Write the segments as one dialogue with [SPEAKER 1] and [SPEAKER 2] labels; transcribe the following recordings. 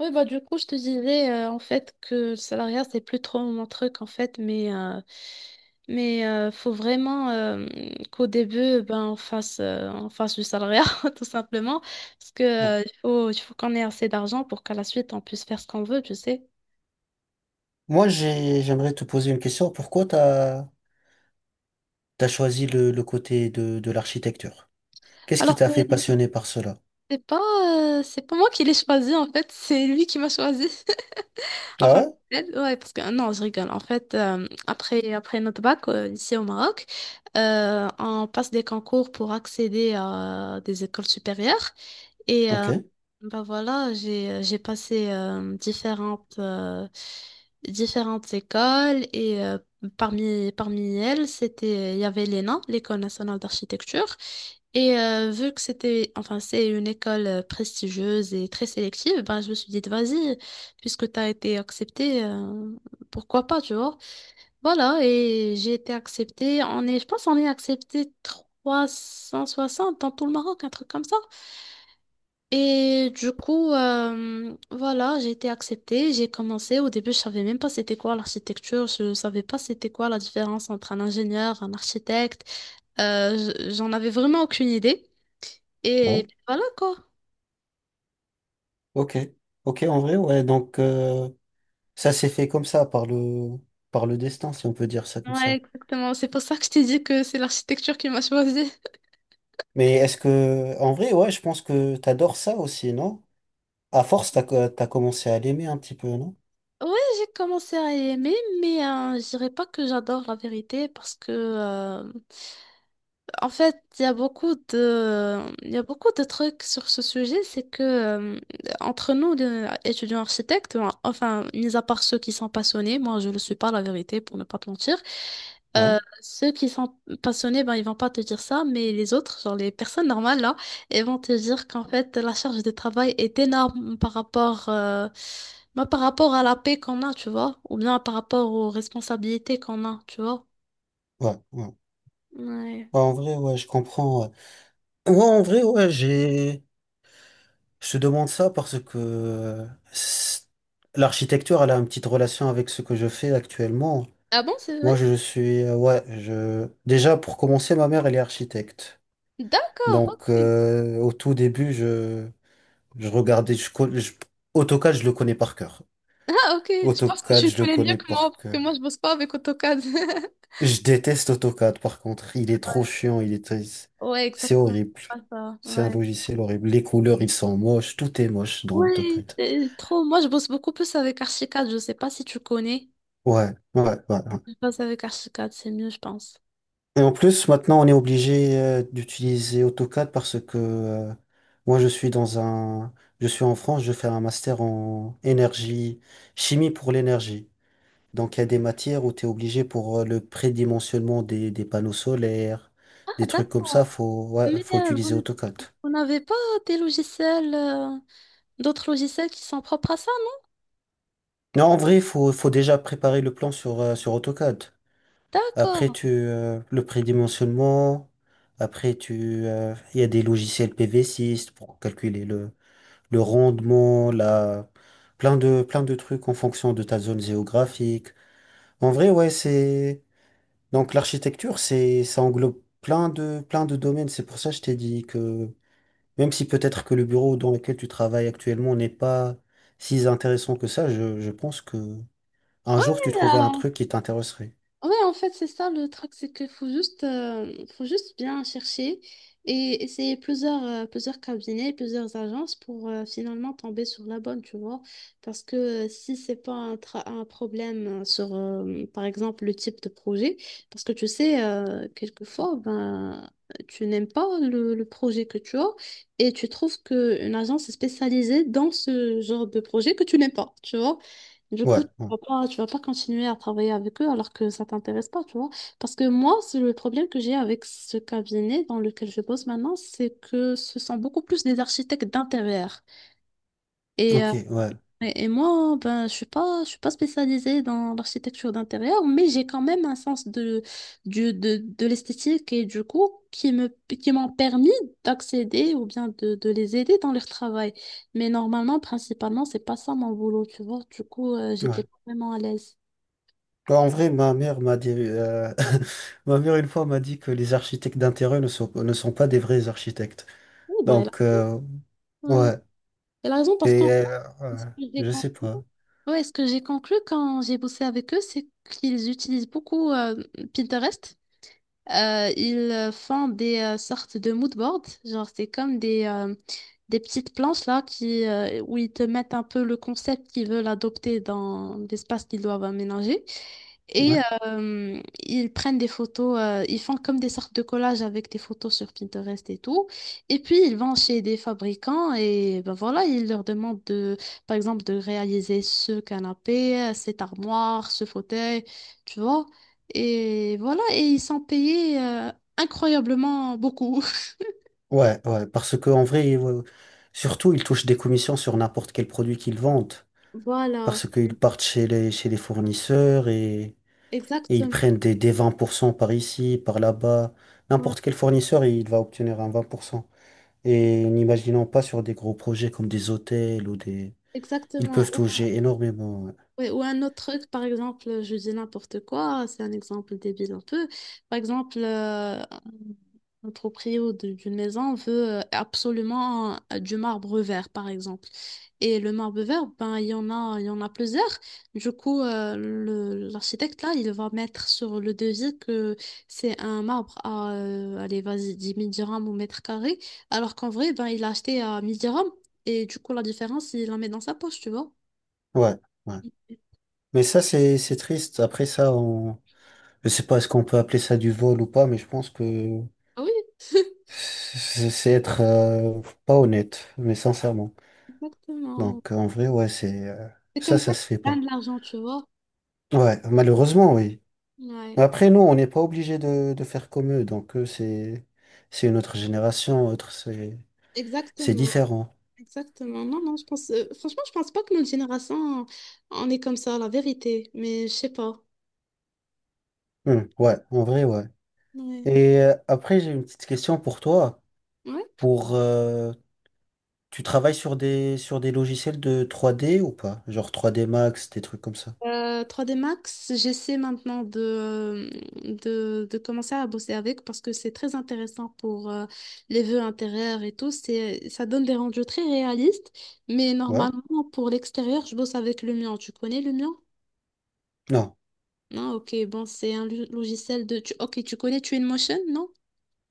[SPEAKER 1] Oui, bah, du coup, je te disais en fait que le salariat, c'est plus trop mon truc en fait, mais faut vraiment qu'au début, ben, on fasse du salariat tout simplement, parce que
[SPEAKER 2] Bon.
[SPEAKER 1] il faut qu'on ait assez d'argent pour qu'à la suite, on puisse faire ce qu'on veut, tu sais.
[SPEAKER 2] Moi, j'aimerais te poser une question. Pourquoi t'as choisi le côté de l'architecture? Qu'est-ce qui
[SPEAKER 1] Alors,
[SPEAKER 2] t'a
[SPEAKER 1] c'est
[SPEAKER 2] fait passionner par cela?
[SPEAKER 1] c'est pas, euh, c'est pas moi qui l'ai choisi en fait, c'est lui qui m'a choisi.
[SPEAKER 2] Ah
[SPEAKER 1] Enfin,
[SPEAKER 2] ouais?
[SPEAKER 1] peut-être, ouais, parce que ah non, je rigole. En fait, après notre bac, ici au Maroc, on passe des concours pour accéder à des écoles supérieures. Et
[SPEAKER 2] Ok.
[SPEAKER 1] bah voilà, j'ai passé différentes écoles et parmi elles, il y avait l'ENA, l'École nationale d'architecture. Et vu que enfin, c'est une école prestigieuse et très sélective, ben, je me suis dit, vas-y puisque tu as été acceptée, pourquoi pas, tu vois. Voilà, et j'ai été acceptée. Je pense qu'on est accepté 360 dans tout le Maroc, un truc comme ça. Et du coup, voilà, j'ai été acceptée. J'ai commencé. Au début, je savais même pas c'était quoi l'architecture. Je savais pas c'était quoi la différence entre un ingénieur, un architecte. Euh, J'en avais vraiment aucune idée.
[SPEAKER 2] Ouais.
[SPEAKER 1] Et voilà quoi.
[SPEAKER 2] Ok. Ok, en vrai, ouais. Donc, ça s'est fait comme ça, par le destin, si on peut dire ça comme
[SPEAKER 1] Ouais,
[SPEAKER 2] ça.
[SPEAKER 1] exactement. C'est pour ça que je t'ai dit que c'est l'architecture qui m'a choisi.
[SPEAKER 2] Mais est-ce que, en vrai, ouais, je pense que t'adores ça aussi, non? À force, t'as commencé à l'aimer un petit peu, non?
[SPEAKER 1] Ouais, j'ai commencé à aimer, mais je dirais pas que j'adore la vérité parce que en fait, il y a beaucoup de, il y a beaucoup de trucs sur ce sujet, c'est que entre nous, les étudiants architectes, enfin, mis à part ceux qui sont passionnés, moi je ne le suis pas, la vérité, pour ne pas te mentir,
[SPEAKER 2] Ouais,
[SPEAKER 1] ceux qui sont passionnés, ben, ils vont pas te dire ça, mais les autres, genre les personnes normales, là, ils vont te dire qu'en fait, la charge de travail est énorme par rapport, ben, par rapport à la paix qu'on a, tu vois, ou bien par rapport aux responsabilités qu'on a, tu vois.
[SPEAKER 2] ouais, ouais. Ouais,
[SPEAKER 1] Ouais.
[SPEAKER 2] en vrai, ouais, je comprends. Ouais, ouais, en vrai, ouais, je te demande ça parce que c'est- l'architecture, elle a une petite relation avec ce que je fais actuellement.
[SPEAKER 1] Ah bon, c'est vrai?
[SPEAKER 2] Moi, je suis, ouais, je, déjà, pour commencer, ma mère, elle est architecte.
[SPEAKER 1] D'accord,
[SPEAKER 2] Donc,
[SPEAKER 1] ok.
[SPEAKER 2] au tout début, je regardais, AutoCAD, je le connais par cœur.
[SPEAKER 1] Ah, ok, je pense que tu
[SPEAKER 2] AutoCAD,
[SPEAKER 1] le
[SPEAKER 2] je le
[SPEAKER 1] connais mieux
[SPEAKER 2] connais
[SPEAKER 1] que moi,
[SPEAKER 2] par
[SPEAKER 1] parce que
[SPEAKER 2] cœur.
[SPEAKER 1] moi, je bosse pas avec AutoCAD.
[SPEAKER 2] Je déteste AutoCAD, par contre. Il est trop chiant,
[SPEAKER 1] Ouais,
[SPEAKER 2] c'est
[SPEAKER 1] exactement.
[SPEAKER 2] horrible.
[SPEAKER 1] Pas ça,
[SPEAKER 2] C'est un
[SPEAKER 1] ouais.
[SPEAKER 2] logiciel horrible. Les couleurs, ils sont moches. Tout est moche dans
[SPEAKER 1] Ouais,
[SPEAKER 2] AutoCAD.
[SPEAKER 1] c'est trop. Moi, je bosse beaucoup plus avec Archicad. Je sais pas si tu connais.
[SPEAKER 2] Ouais, ouais, ouais. Ouais.
[SPEAKER 1] Je bosse avec Archicad, c'est mieux, je pense.
[SPEAKER 2] Et en plus, maintenant, on est obligé d'utiliser AutoCAD parce que moi, je suis dans un, je suis en France, je fais un master en énergie, chimie pour l'énergie. Donc, il y a des matières où tu es obligé pour le prédimensionnement des panneaux solaires, des
[SPEAKER 1] Ah,
[SPEAKER 2] trucs comme
[SPEAKER 1] d'accord.
[SPEAKER 2] ça, faut, ouais,
[SPEAKER 1] Mais
[SPEAKER 2] faut
[SPEAKER 1] vous,
[SPEAKER 2] utiliser
[SPEAKER 1] n-
[SPEAKER 2] AutoCAD.
[SPEAKER 1] vous n'avez pas des logiciels, euh, d'autres logiciels qui sont propres à ça? Non.
[SPEAKER 2] Non, en vrai, faut, faut déjà préparer le plan sur AutoCAD. Après,
[SPEAKER 1] D'accord.
[SPEAKER 2] le prédimensionnement. Après, il y a des logiciels PV6 pour calculer le rendement, la, plein de trucs en fonction de ta zone géographique. En vrai, ouais, donc l'architecture, ça englobe plein de domaines. C'est pour ça que je t'ai dit que même si peut-être que le bureau dans lequel tu travailles actuellement n'est pas si intéressant que ça, je pense que un jour tu trouverais un truc qui t'intéresserait.
[SPEAKER 1] Ouais, en fait, c'est ça le truc, c'est qu'il faut juste bien chercher et essayer plusieurs cabinets, plusieurs agences pour finalement tomber sur la bonne, tu vois. Parce que si c'est pas un problème sur, par exemple, le type de projet, parce que tu sais, quelquefois, ben, tu n'aimes pas le projet que tu as et tu trouves qu'une agence est spécialisée dans ce genre de projet que tu n'aimes pas, tu vois. Du
[SPEAKER 2] Ouais,
[SPEAKER 1] coup,
[SPEAKER 2] ouais.
[SPEAKER 1] vas pas, tu vas pas continuer à travailler avec eux alors que ça t'intéresse pas, tu vois. Parce que moi, c'est le problème que j'ai avec ce cabinet dans lequel je bosse maintenant, c'est que ce sont beaucoup plus des architectes d'intérieur. Et, euh,
[SPEAKER 2] Ok, ouais,
[SPEAKER 1] et moi, ben, je suis pas spécialisée dans l'architecture d'intérieur, mais j'ai quand même un sens de l'esthétique et du coup, qui m'ont permis d'accéder ou bien de les aider dans leur travail. Mais normalement, principalement, c'est pas ça mon boulot, tu vois. Du coup, j'étais
[SPEAKER 2] ouais.
[SPEAKER 1] pas vraiment à l'aise.
[SPEAKER 2] Bah, en vrai, ma mère m'a dit, ma mère une fois m'a dit que les architectes d'intérêt ne sont pas des vrais architectes.
[SPEAKER 1] Oui, bah, elle a
[SPEAKER 2] Donc,
[SPEAKER 1] raison. Ouais.
[SPEAKER 2] ouais.
[SPEAKER 1] Elle a raison parce que
[SPEAKER 2] Et
[SPEAKER 1] ce
[SPEAKER 2] ouais,
[SPEAKER 1] que j'ai
[SPEAKER 2] je
[SPEAKER 1] con-
[SPEAKER 2] sais pas.
[SPEAKER 1] ouais, ce que j'ai conclu quand j'ai bossé avec eux, c'est qu'ils utilisent beaucoup Pinterest. Ils font des sortes de mood boards, genre c'est comme des petites planches là qui, où ils te mettent un peu le concept qu'ils veulent adopter dans l'espace qu'ils doivent aménager. Et
[SPEAKER 2] Ouais.
[SPEAKER 1] euh, ils prennent des photos, ils font comme des sortes de collages avec des photos sur Pinterest et tout. Et puis ils vont chez des fabricants et ben voilà, ils leur demandent de, par exemple, de réaliser ce canapé, cette armoire, ce fauteuil, tu vois. Et voilà, et ils sont payés incroyablement beaucoup.
[SPEAKER 2] Ouais, ouais, parce que en vrai, surtout, ils touchent des commissions sur n'importe quel produit qu'ils vendent,
[SPEAKER 1] Voilà,
[SPEAKER 2] parce qu'ils partent chez les fournisseurs et ils
[SPEAKER 1] exactement.
[SPEAKER 2] prennent des 20% par ici, par là-bas.
[SPEAKER 1] Ouais,
[SPEAKER 2] N'importe quel fournisseur, il va obtenir un 20%. Et n'imaginons pas sur des gros projets comme des hôtels ou des. Ils
[SPEAKER 1] exactement.
[SPEAKER 2] peuvent toucher énormément. Ouais,
[SPEAKER 1] Ouais, ou un autre truc, par exemple, je dis n'importe quoi, c'est un exemple débile un peu. Par exemple, un proprio d'une maison veut absolument du marbre vert, par exemple. Et le marbre vert, ben, il y en a plusieurs. Du coup, l'architecte, là, il va mettre sur le devis que c'est un marbre à, allez, vas-y, 10 000 dirhams au mètre carré, alors qu'en vrai, ben, il l'a acheté à 1 000 dirhams. Et du coup, la différence, il la met dans sa poche, tu vois.
[SPEAKER 2] ouais. Ouais. Mais ça, c'est triste. Après ça, on. Je sais pas est-ce qu'on peut appeler ça du vol ou pas, mais je pense que
[SPEAKER 1] Ah oui.
[SPEAKER 2] c'est être pas honnête, mais sincèrement.
[SPEAKER 1] Exactement.
[SPEAKER 2] Donc en vrai, ouais, c'est euh,
[SPEAKER 1] C'est
[SPEAKER 2] ça,
[SPEAKER 1] comme ça
[SPEAKER 2] ça
[SPEAKER 1] que
[SPEAKER 2] se fait
[SPEAKER 1] tu
[SPEAKER 2] pas.
[SPEAKER 1] gagnes de l'argent, tu vois.
[SPEAKER 2] Ouais, malheureusement, oui.
[SPEAKER 1] Ouais,
[SPEAKER 2] Après, nous, on n'est pas obligé de faire comme eux. Donc eux, c'est une autre génération, autre, c'est
[SPEAKER 1] exactement,
[SPEAKER 2] différent.
[SPEAKER 1] exactement. Non, non, franchement, je pense pas que notre génération, on est comme ça, la vérité, mais je sais pas.
[SPEAKER 2] Ouais, en vrai, ouais.
[SPEAKER 1] Ouais.
[SPEAKER 2] Et après, j'ai une petite question pour toi.
[SPEAKER 1] Ouais.
[SPEAKER 2] Pour Tu travailles sur des logiciels de 3D ou pas? Genre 3D Max, des trucs comme ça.
[SPEAKER 1] 3D Max, j'essaie maintenant de commencer à bosser avec parce que c'est très intéressant pour les vœux intérieurs et tout. Ça donne des rendus très réalistes, mais
[SPEAKER 2] Ouais?
[SPEAKER 1] normalement, pour l'extérieur, je bosse avec le mien. Tu connais le mien?
[SPEAKER 2] Non.
[SPEAKER 1] Ah, ok, bon, c'est un logiciel de... tu- Ok, tu connais Twinmotion, non?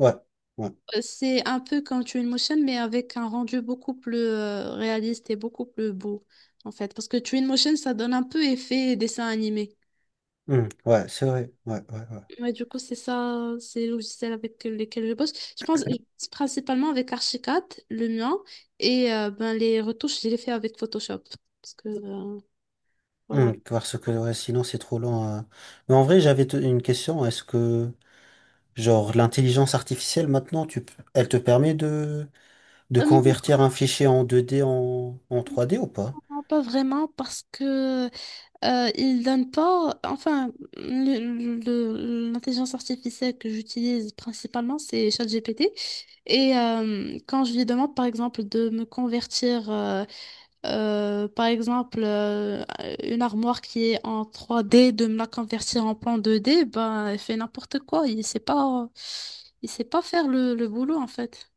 [SPEAKER 2] Ouais. Ouais.
[SPEAKER 1] C'est un peu comme Twinmotion, mais avec un rendu beaucoup plus réaliste et beaucoup plus beau, en fait. Parce que Twinmotion, ça donne un peu effet dessin animé.
[SPEAKER 2] Ouais, c'est vrai. Ouais, ouais, ouais.
[SPEAKER 1] Ouais, du coup, c'est ça, c'est les logiciels avec lesquels je bosse. Je pense c'est principalement avec Archicad, le mien, et ben, les retouches, je les fais avec Photoshop. Parce que, voilà.
[SPEAKER 2] Hmm, parce que ouais, sinon c'est trop lent. Mais en vrai, j'avais une question. Est-ce que, genre, l'intelligence artificielle maintenant, elle te permet de
[SPEAKER 1] Euh,
[SPEAKER 2] convertir un fichier en 2D en 3D ou pas?
[SPEAKER 1] non, pas vraiment, parce que il donne pas, enfin, l'intelligence artificielle que j'utilise principalement, c'est ChatGPT. Et quand je lui demande, par exemple, de me convertir, par exemple, une armoire qui est en 3D, de me la convertir en plan 2D, ben, elle fait n'importe quoi. Il sait pas faire le boulot, en fait.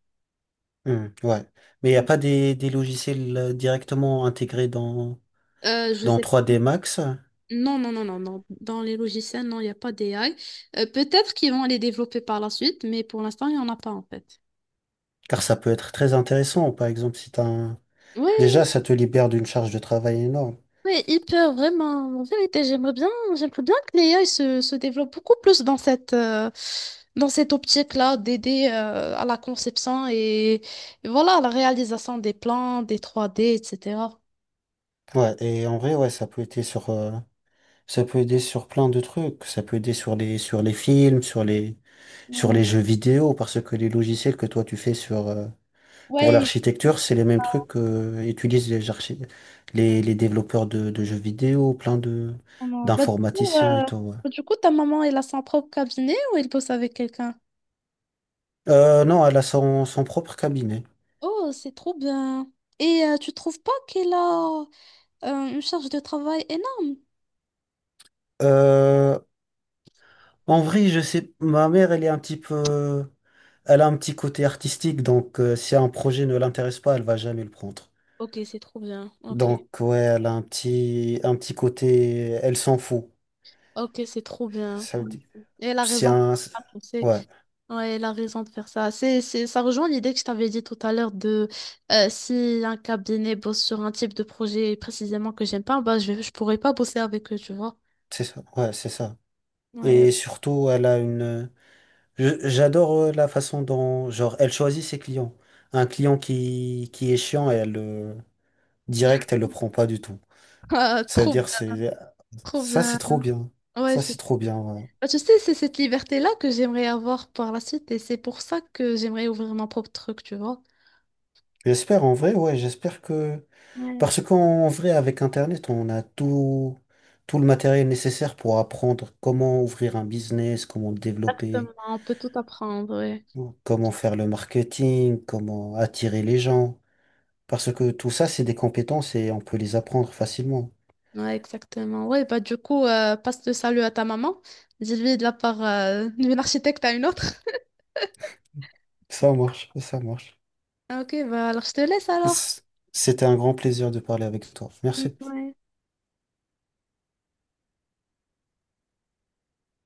[SPEAKER 2] Hmm, ouais. Mais il n'y a pas des logiciels directement intégrés dans,
[SPEAKER 1] Je
[SPEAKER 2] dans
[SPEAKER 1] sais
[SPEAKER 2] 3D Max?
[SPEAKER 1] Non, non, non, non, non. Dans les logiciels, non, il n'y a pas d'AI. Peut-être qu'ils vont les développer par la suite, mais pour l'instant, il n'y en a pas en fait.
[SPEAKER 2] Car ça peut être très intéressant. Par exemple, si t'as un.
[SPEAKER 1] Oui,
[SPEAKER 2] Déjà, ça te libère d'une charge de travail énorme.
[SPEAKER 1] oui, hyper, vraiment. En vérité, j'aimerais bien que l'AI se développe beaucoup plus dans cette optique-là d'aider à la conception et voilà, à la réalisation des plans, des 3D etc.
[SPEAKER 2] Ouais, et en vrai, ouais, ça peut aider sur, plein de trucs. Ça peut aider sur les films, sur les, sur
[SPEAKER 1] Oui,
[SPEAKER 2] les jeux vidéo, parce que les logiciels que toi tu fais pour
[SPEAKER 1] ouais, ouais,
[SPEAKER 2] l'architecture, c'est les mêmes trucs que utilisent les développeurs de jeux vidéo, plein de
[SPEAKER 1] vraiment. Bah, du coup, euh,
[SPEAKER 2] d'informaticiens et tout. Ouais.
[SPEAKER 1] bah, du coup, ta maman, elle a son propre cabinet ou elle bosse avec quelqu'un?
[SPEAKER 2] Non, elle a son propre cabinet.
[SPEAKER 1] Oh, c'est trop bien. Et tu trouves pas qu'elle a une charge de travail énorme?
[SPEAKER 2] Euh, en vrai, je sais, ma mère, elle est un petit peu, elle a un petit côté artistique, donc si un projet ne l'intéresse pas, elle va jamais le prendre.
[SPEAKER 1] Ok, c'est trop bien. Ok,
[SPEAKER 2] Donc ouais, elle a un petit côté, elle s'en fout.
[SPEAKER 1] ok, c'est trop bien.
[SPEAKER 2] Ça veut
[SPEAKER 1] Ouais.
[SPEAKER 2] dire,
[SPEAKER 1] Et elle a
[SPEAKER 2] c'est
[SPEAKER 1] raison de faire
[SPEAKER 2] un,
[SPEAKER 1] ça, tu sais.
[SPEAKER 2] ouais.
[SPEAKER 1] Ouais, elle a raison de faire ça. Ça rejoint l'idée que je t'avais dit tout à l'heure de si un cabinet bosse sur un type de projet précisément que j'aime pas, bah je pourrais pas bosser avec eux, tu vois.
[SPEAKER 2] C'est ça, ouais, c'est ça.
[SPEAKER 1] Ouais,
[SPEAKER 2] Et surtout, elle a une. J'adore la façon dont, genre, elle choisit ses clients. Un client qui est chiant, elle le direct, elle le prend pas du tout.
[SPEAKER 1] ah,
[SPEAKER 2] Ça veut
[SPEAKER 1] trop,
[SPEAKER 2] dire, c'est
[SPEAKER 1] trop
[SPEAKER 2] ça, c'est
[SPEAKER 1] bien.
[SPEAKER 2] trop bien.
[SPEAKER 1] Ouais,
[SPEAKER 2] Ça,
[SPEAKER 1] c'est
[SPEAKER 2] c'est trop
[SPEAKER 1] trop bien.
[SPEAKER 2] bien. Ouais.
[SPEAKER 1] Bah, tu sais, c'est cette liberté-là que j'aimerais avoir par la suite et c'est pour ça que j'aimerais ouvrir mon propre truc, tu vois.
[SPEAKER 2] J'espère en vrai, ouais, j'espère que
[SPEAKER 1] Ouais.
[SPEAKER 2] parce qu'en vrai, avec Internet, on a tout le matériel nécessaire pour apprendre comment ouvrir un business, comment le développer,
[SPEAKER 1] Exactement, on peut tout apprendre, ouais.
[SPEAKER 2] comment faire le marketing, comment attirer les gens. Parce que tout ça, c'est des compétences et on peut les apprendre facilement.
[SPEAKER 1] Ouais, exactement. Ouais, bah du coup, passe le salut à ta maman. Dis-lui de la part d'une architecte à une autre.
[SPEAKER 2] Ça marche, ça marche.
[SPEAKER 1] Ah, ok, bah alors je te laisse alors.
[SPEAKER 2] C- C'était un grand plaisir de parler avec toi.
[SPEAKER 1] Mm.
[SPEAKER 2] Merci.
[SPEAKER 1] Ouais.